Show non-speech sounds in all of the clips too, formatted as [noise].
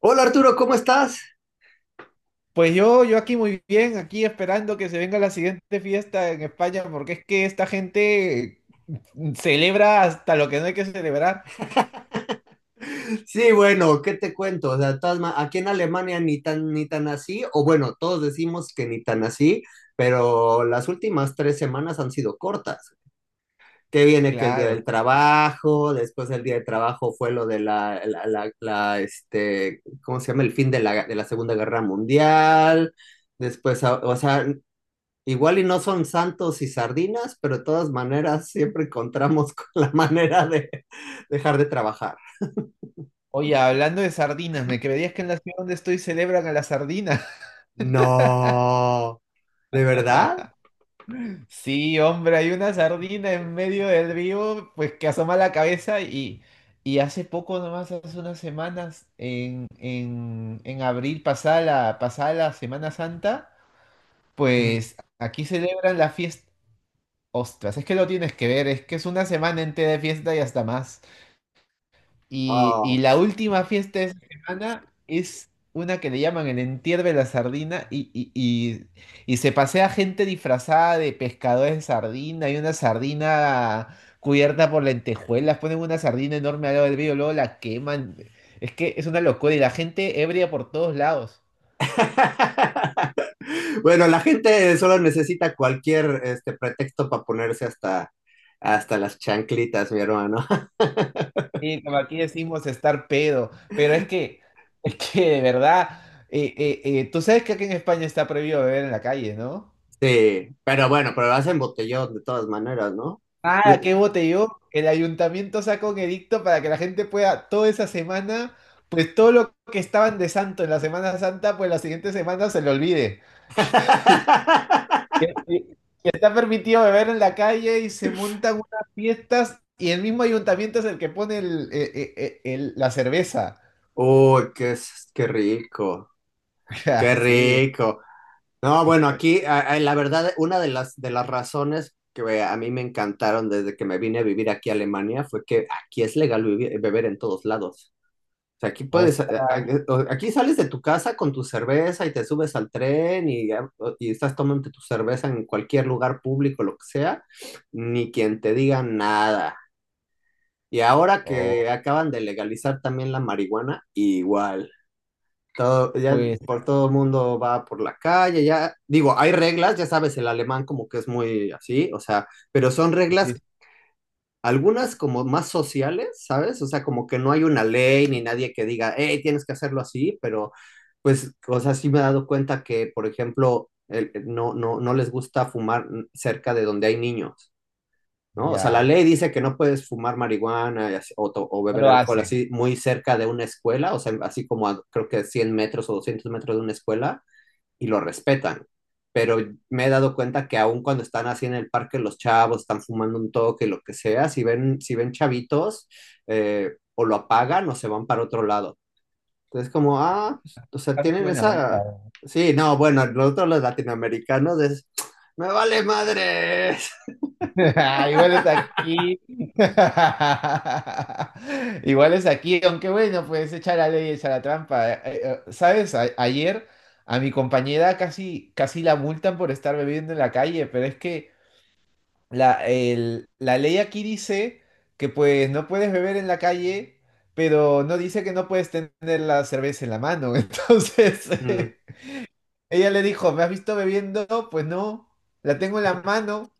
Hola Arturo, ¿cómo estás? Pues yo aquí muy bien, aquí esperando que se venga la siguiente fiesta en España, porque es que esta gente celebra hasta lo que no hay que celebrar. Sí, bueno, ¿qué te cuento? O sea, aquí en Alemania ni tan así, o bueno, todos decimos que ni tan así, pero las últimas 3 semanas han sido cortas. Que viene que el día Claro. del trabajo, después del día del trabajo fue lo de la, este, ¿cómo se llama? El fin de la Segunda Guerra Mundial, después, o sea, igual y no son santos y sardinas, pero de todas maneras siempre encontramos [laughs] con la manera de dejar de trabajar. Oye, hablando de sardinas, ¿me creerías que en la ciudad donde estoy celebran a la sardina? [laughs] No, ¿de verdad? Sí, hombre, hay una sardina en medio del río, pues que asoma la cabeza y hace poco nomás, hace unas semanas, en abril, pasada la Semana Santa, Ujú. pues aquí celebran la fiesta. Ostras, es que lo tienes que ver, es que es una semana entera de fiesta y hasta más. Y Oh, la sí. última fiesta de esa semana es una que le llaman el entierro de la sardina, y se pasea gente disfrazada de pescadores de sardina. Hay una sardina cubierta por lentejuelas, ponen una sardina enorme al lado del río, luego la queman. Es que es una locura y la gente ebria por todos lados. [laughs] Bueno, la gente solo necesita cualquier este pretexto para ponerse hasta las chanclitas, mi hermano. [laughs] Sí, como aquí decimos estar pedo, pero es que, [laughs] es que de verdad, tú sabes que aquí en España está prohibido beber en la calle, ¿no? Sí, pero bueno, pero hacen botellón de todas maneras, ¿no? Yo- Ah, qué botellón. El ayuntamiento sacó un edicto para que la gente pueda toda esa semana, pues todo lo que estaban de santo en la Semana Santa, pues la siguiente semana se lo olvide. Y [laughs] y Está permitido beber en la calle y se montan unas fiestas y el mismo ayuntamiento es el que pone la cerveza. Uy, qué, qué rico, [laughs] qué Así, rico. No, bueno, aquí la verdad, una de las razones que a mí me encantaron desde que me vine a vivir aquí a Alemania fue que aquí es legal beber en todos lados. O sea, aquí puedes, hostia. Aquí sales de tu casa con tu cerveza y te subes al tren y estás tomando tu cerveza en cualquier lugar público, lo que sea, ni quien te diga nada. Y ahora Oh, que acaban de legalizar también la marihuana, igual. Todo, ya pues. por todo mundo va por la calle, ya, digo, hay reglas, ya sabes, el alemán como que es muy así, o sea, pero son Sí, reglas, algunas como más sociales, ¿sabes? O sea, como que no hay una ley ni nadie que diga, hey, tienes que hacerlo así, pero pues, o sea, sí me he dado cuenta que, por ejemplo, no, no, no les gusta fumar cerca de donde hay niños. ¿No? O sea, la ya, ley dice que no puedes fumar marihuana y o, o no beber lo alcohol hacen. así muy cerca de una escuela, o sea, así como a, creo que 100 metros o 200 metros de una escuela, y lo respetan. Pero me he dado cuenta que aun cuando están así en el parque los chavos, están fumando un toque, lo que sea, si ven chavitos, o lo apagan o se van para otro lado. Entonces, como, ah, pues, o sea, Está muy tienen buena esa. onda. Sí, no, bueno, nosotros los latinoamericanos es, me vale madres. [laughs] Igual es aquí. [laughs] Igual es aquí, aunque bueno, pues echa la ley, echa la trampa. ¿Sabes? Ayer a mi compañera casi la multan por estar bebiendo en la calle, pero es que la ley aquí dice que pues no puedes beber en la calle, pero no dice que no puedes tener la cerveza en la mano. [laughs] Entonces... Mm. Ella le dijo, ¿me has visto bebiendo? Pues no, la tengo en la mano.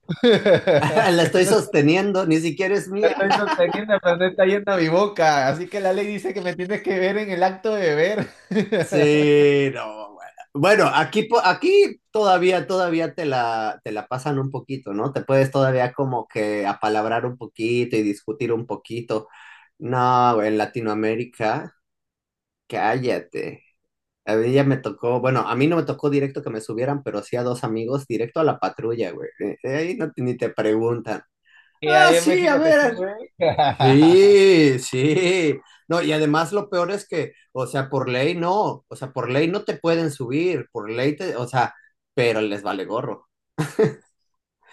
[laughs] [laughs] La Pero estoy no sé, sosteniendo, ni siquiera es la mía. estoy [laughs] sosteniendo, pero no está yendo a mi boca. Así que la ley dice que me tienes que ver en el acto de beber. [laughs] Sí, no, bueno. Bueno, aquí, aquí todavía te la pasan un poquito, ¿no? Te puedes todavía como que apalabrar un poquito y discutir un poquito. No, güey, en Latinoamérica, cállate. A mí ya me tocó, bueno, a mí no me tocó directo que me subieran, pero sí a dos amigos directo a la patrulla, güey. Ahí no, ni te preguntan. Que Ah, ahí en sí, a México te ver, suben. [laughs] sí, sí. No, y además lo peor es que, o sea, por ley no, o sea, por ley no te pueden subir, por ley te, o sea, pero les vale gorro.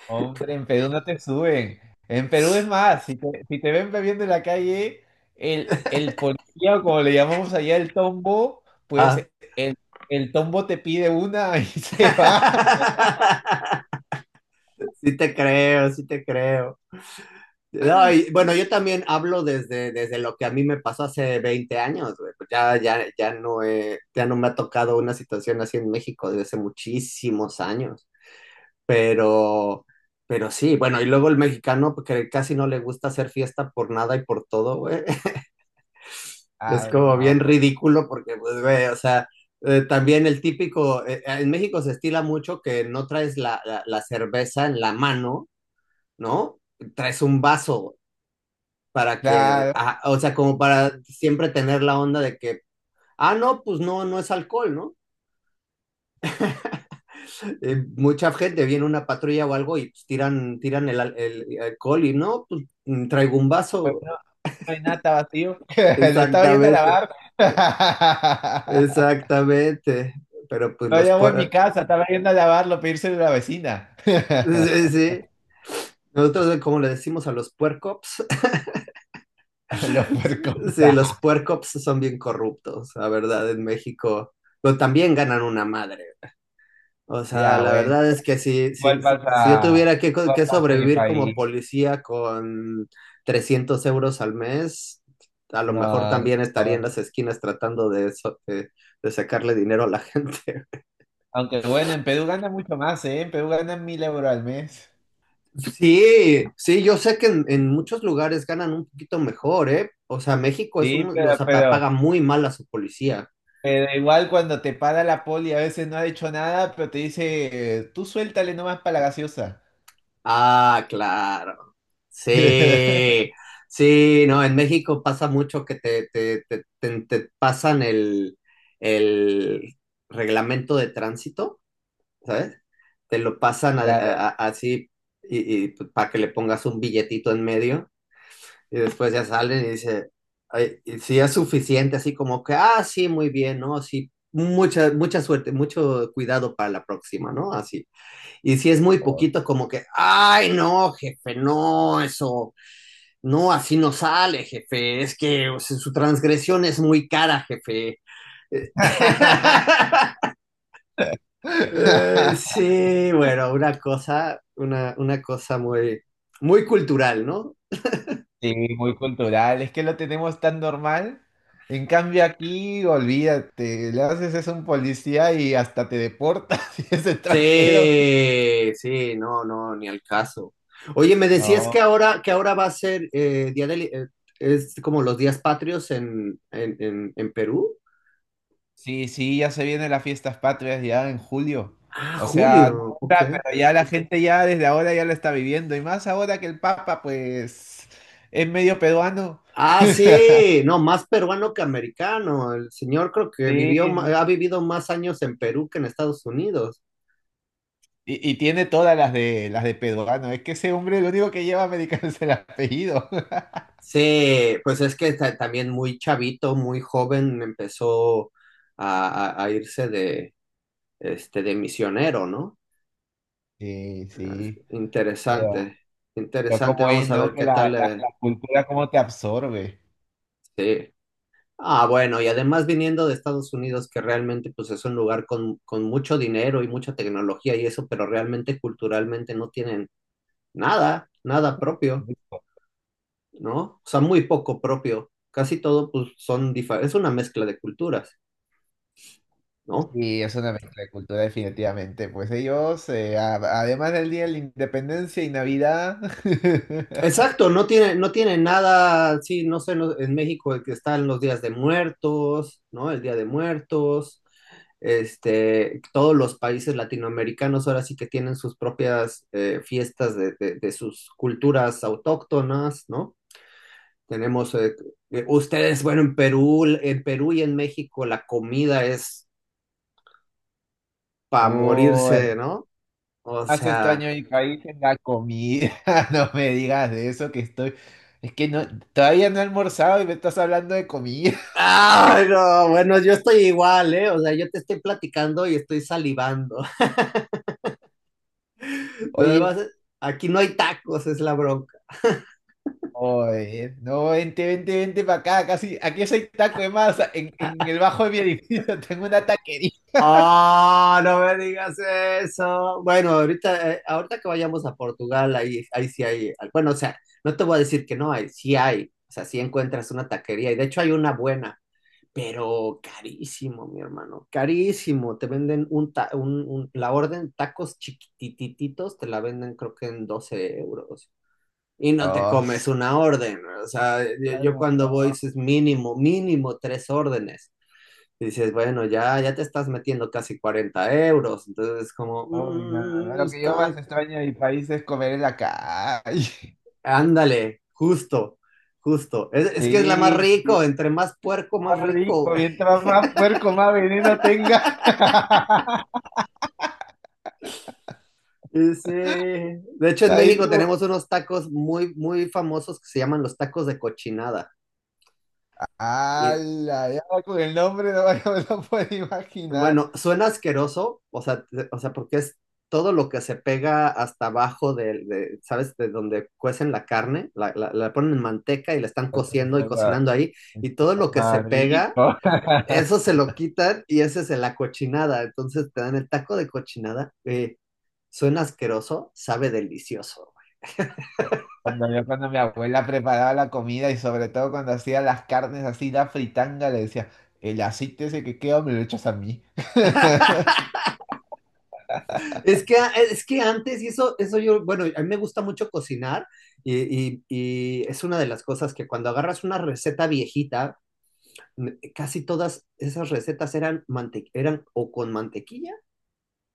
Hombre, en Perú no te suben. En Perú es más, si te ven bebiendo en la calle, el policía, o como le llamamos allá, el tombo, Ah. pues el, el tombo te pide una [laughs] y se va. [laughs] Sí te creo, sí te creo. No, y, bueno, yo también hablo desde, lo que a mí me pasó hace 20 años, güey. Pues ya, ya, ya no me ha tocado una situación así en México desde hace muchísimos años. Pero, pero sí, bueno, y luego el mexicano pues, que casi no le gusta hacer fiesta por nada y por todo, güey. [laughs] Es Ah, como bien no, pues. ridículo porque, pues, güey, o sea, también el típico, en México se estila mucho que no traes la cerveza en la mano, ¿no? Traes un vaso para que, Claro. ah, o sea, como para siempre tener la onda de que, ah, no, pues no, no es alcohol, ¿no? Mucha gente viene una patrulla o algo y pues, tiran el alcohol y no, pues traigo un Pues vaso. no, no hay nada, está vacío. [laughs] Lo estaba yendo a Exactamente, lavar. [laughs] exactamente. Pero pues No los llevo en mi puer... casa, estaba yendo a lavarlo, pedírselo a la vecina. [laughs] Sí, [laughs] sí. Nosotros, como le decimos a los puercops, Los [laughs] puercos. sí, los puercops son bien corruptos, la verdad, en México. Pero también ganan una madre. O sea, Ya, la bueno. verdad es que si, Igual si, si si yo pasa, tuviera que, igual que pasa en mi sobrevivir como país. policía con 300 euros al mes, a lo mejor No, no. también estaría en las No. esquinas tratando de sacarle dinero a la gente. Aunque bueno, en Perú gana mucho más, ¿eh? En Perú ganan 1000 euros al mes. [laughs] Sí, sí, yo sé que en muchos lugares ganan un poquito mejor, ¿eh? O sea, México es Sí, un, o sea, paga muy mal a su policía. pero igual cuando te para la poli a veces no ha hecho nada, pero te dice, tú suéltale nomás para la gaseosa. Ah, claro. [laughs] Sí, sí, no, en México pasa mucho que te pasan el, reglamento de tránsito, ¿sabes? Te lo pasan Claro. Así y para que le pongas un billetito en medio y después ya salen y dice, "Ay, y si es suficiente, así como que, ah, sí, muy bien, ¿no? Sí, mucha, mucha suerte, mucho cuidado para la próxima, ¿no?" Así. Y si es muy poquito, como que, ay, no, jefe, no, eso, no, así no sale, jefe, es que o sea, su transgresión es muy cara, jefe. [laughs] [laughs] Sí, bueno, una cosa, una cosa muy, muy cultural, ¿no? Sí, muy cultural. Es que lo tenemos tan normal. En cambio aquí, olvídate, le haces eso a un policía y hasta te deportas [laughs] si es extranjero. Sí, sí, no, no, ni al caso. Oye, me decías que No, ahora, que ahora va a ser día del es como los días patrios en Perú. sí, sí, ya se vienen las fiestas patrias ya en julio. Ah, O sea, no julio, ok. ahora, pero ya la gente ya desde ahora ya lo está viviendo. Y más ahora que el Papa, pues, es medio peruano. [laughs] Ah, sí, no, más peruano que americano. El señor creo que Sí, no. ha vivido más años en Perú que en Estados Unidos. Y, y tiene todas las de Pedoano. Es que ese hombre lo único que lleva americano [laughs] es el apellido. [laughs] Sí, pues es que también muy chavito, muy joven, empezó a irse de, de misionero, ¿no? Sí, sí. Pero, Interesante, pero interesante. cómo es, Vamos a ¿no? ver Que qué la, tal. la, la cultura cómo te absorbe. Sí. Ah, bueno, y además viniendo de Estados Unidos, que realmente pues es un lugar con, mucho dinero y mucha tecnología y eso, pero realmente culturalmente no tienen nada, nada propio, ¿no? O sea, muy poco propio. Casi todo, pues, son diferentes, es una mezcla de culturas, ¿no? Sí, es una mezcla de cultura definitivamente. Pues ellos, además del Día de la Independencia y Navidad, [laughs] Exacto, no tiene nada, sí, no sé, en México el que están los días de muertos, ¿no? El Día de Muertos, todos los países latinoamericanos ahora sí que tienen sus propias fiestas de sus culturas autóctonas, ¿no? Tenemos, ustedes, bueno, en Perú y en México la comida es para oh, morirse, hermano, ¿no? O más sea, extraño de mi país es la comida. [laughs] No me digas de eso que estoy... Es que no, todavía no he almorzado y me estás hablando de comida. [laughs] ay, no, bueno, yo estoy igual, ¿eh? O sea, yo te estoy platicando y estoy salivando. [laughs] Lo Oye. demás, aquí no hay tacos, es la bronca. Oye, no, vente para acá, casi, aquí soy taco de masa, en el bajo de mi edificio [laughs] tengo una taquería. Ah, no me digas eso. Bueno, ahorita que vayamos a Portugal, ahí sí hay, bueno, o sea, no te voy a decir que no hay, sí hay, o sea, sí encuentras una taquería y de hecho hay una buena. Pero carísimo, mi hermano, carísimo. Te venden un, ta- un- la orden tacos chiquitititos, te la venden creo que en 12 euros. Y no te Oh, s- comes una orden, o sea, yo, ay, yo no, cuando voy dices mínimo, mínimo tres órdenes. Y dices, bueno, ya, ya te estás metiendo casi 40 euros. Entonces es como, ay, no, no, no. No Lo que yo más está, extraño de mi país es comer en la calle. [laughs] ándale, justo, justo. Es que es la más Sí, sí, rico, entre más puerco, más más rico. rico, mientras más puerco, más veneno tenga. [laughs] Sí, sí. De hecho en Ahí México tú, tenemos unos tacos muy, muy famosos que se llaman los tacos de cochinada. Y ala, ya con el nombre no, [laughs] no me lo puedo imaginar. bueno, suena asqueroso, o sea, o sea, porque es todo lo que se pega hasta abajo de, ¿sabes? De donde cuecen la carne, la ponen en manteca y la están cociendo y Eso cocinando ahí, y es todo lo lo que se más pega, rico. eso [laughs] se lo quitan y ese es la cochinada. Entonces te dan el taco de cochinada. Suena asqueroso, sabe delicioso. Cuando yo, cuando mi abuela preparaba la comida y sobre todo cuando hacía las carnes así, la fritanga, le decía, el aceite ese que queda me lo echas a mí. [laughs] Es que, ah, es que antes, y eso yo, bueno, a mí me gusta mucho cocinar y es una de las cosas que cuando agarras una receta viejita, casi todas esas recetas eran o con mantequilla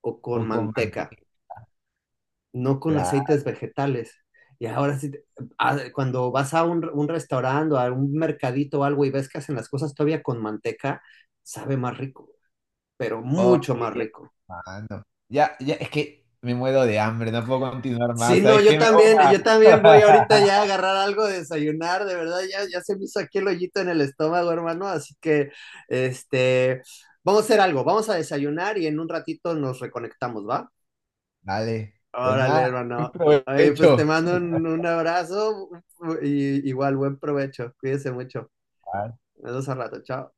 o O con con manteca, manteca. no con Claro. aceites vegetales. Y ahora sí, ah, cuando vas a un, restaurante o a un mercadito o algo y ves que hacen las cosas todavía con manteca, sabe más rico, pero mucho Oye, más rico. hermano. Ya, ya, es que me muero de hambre, no puedo continuar Sí, más. no, ¿Sabes qué? Me voy a... yo también voy ahorita [laughs] ya a agarrar algo de desayunar, de verdad, ya, se me hizo aquí el hoyito en el estómago, hermano, así que, este, vamos a hacer algo, vamos a desayunar y en un ratito nos reconectamos, ¿va? Dale, pues Órale, nada, buen hermano. Oye, pues te provecho. mando un, abrazo y igual buen provecho, cuídese mucho. Nos vemos al rato, chao.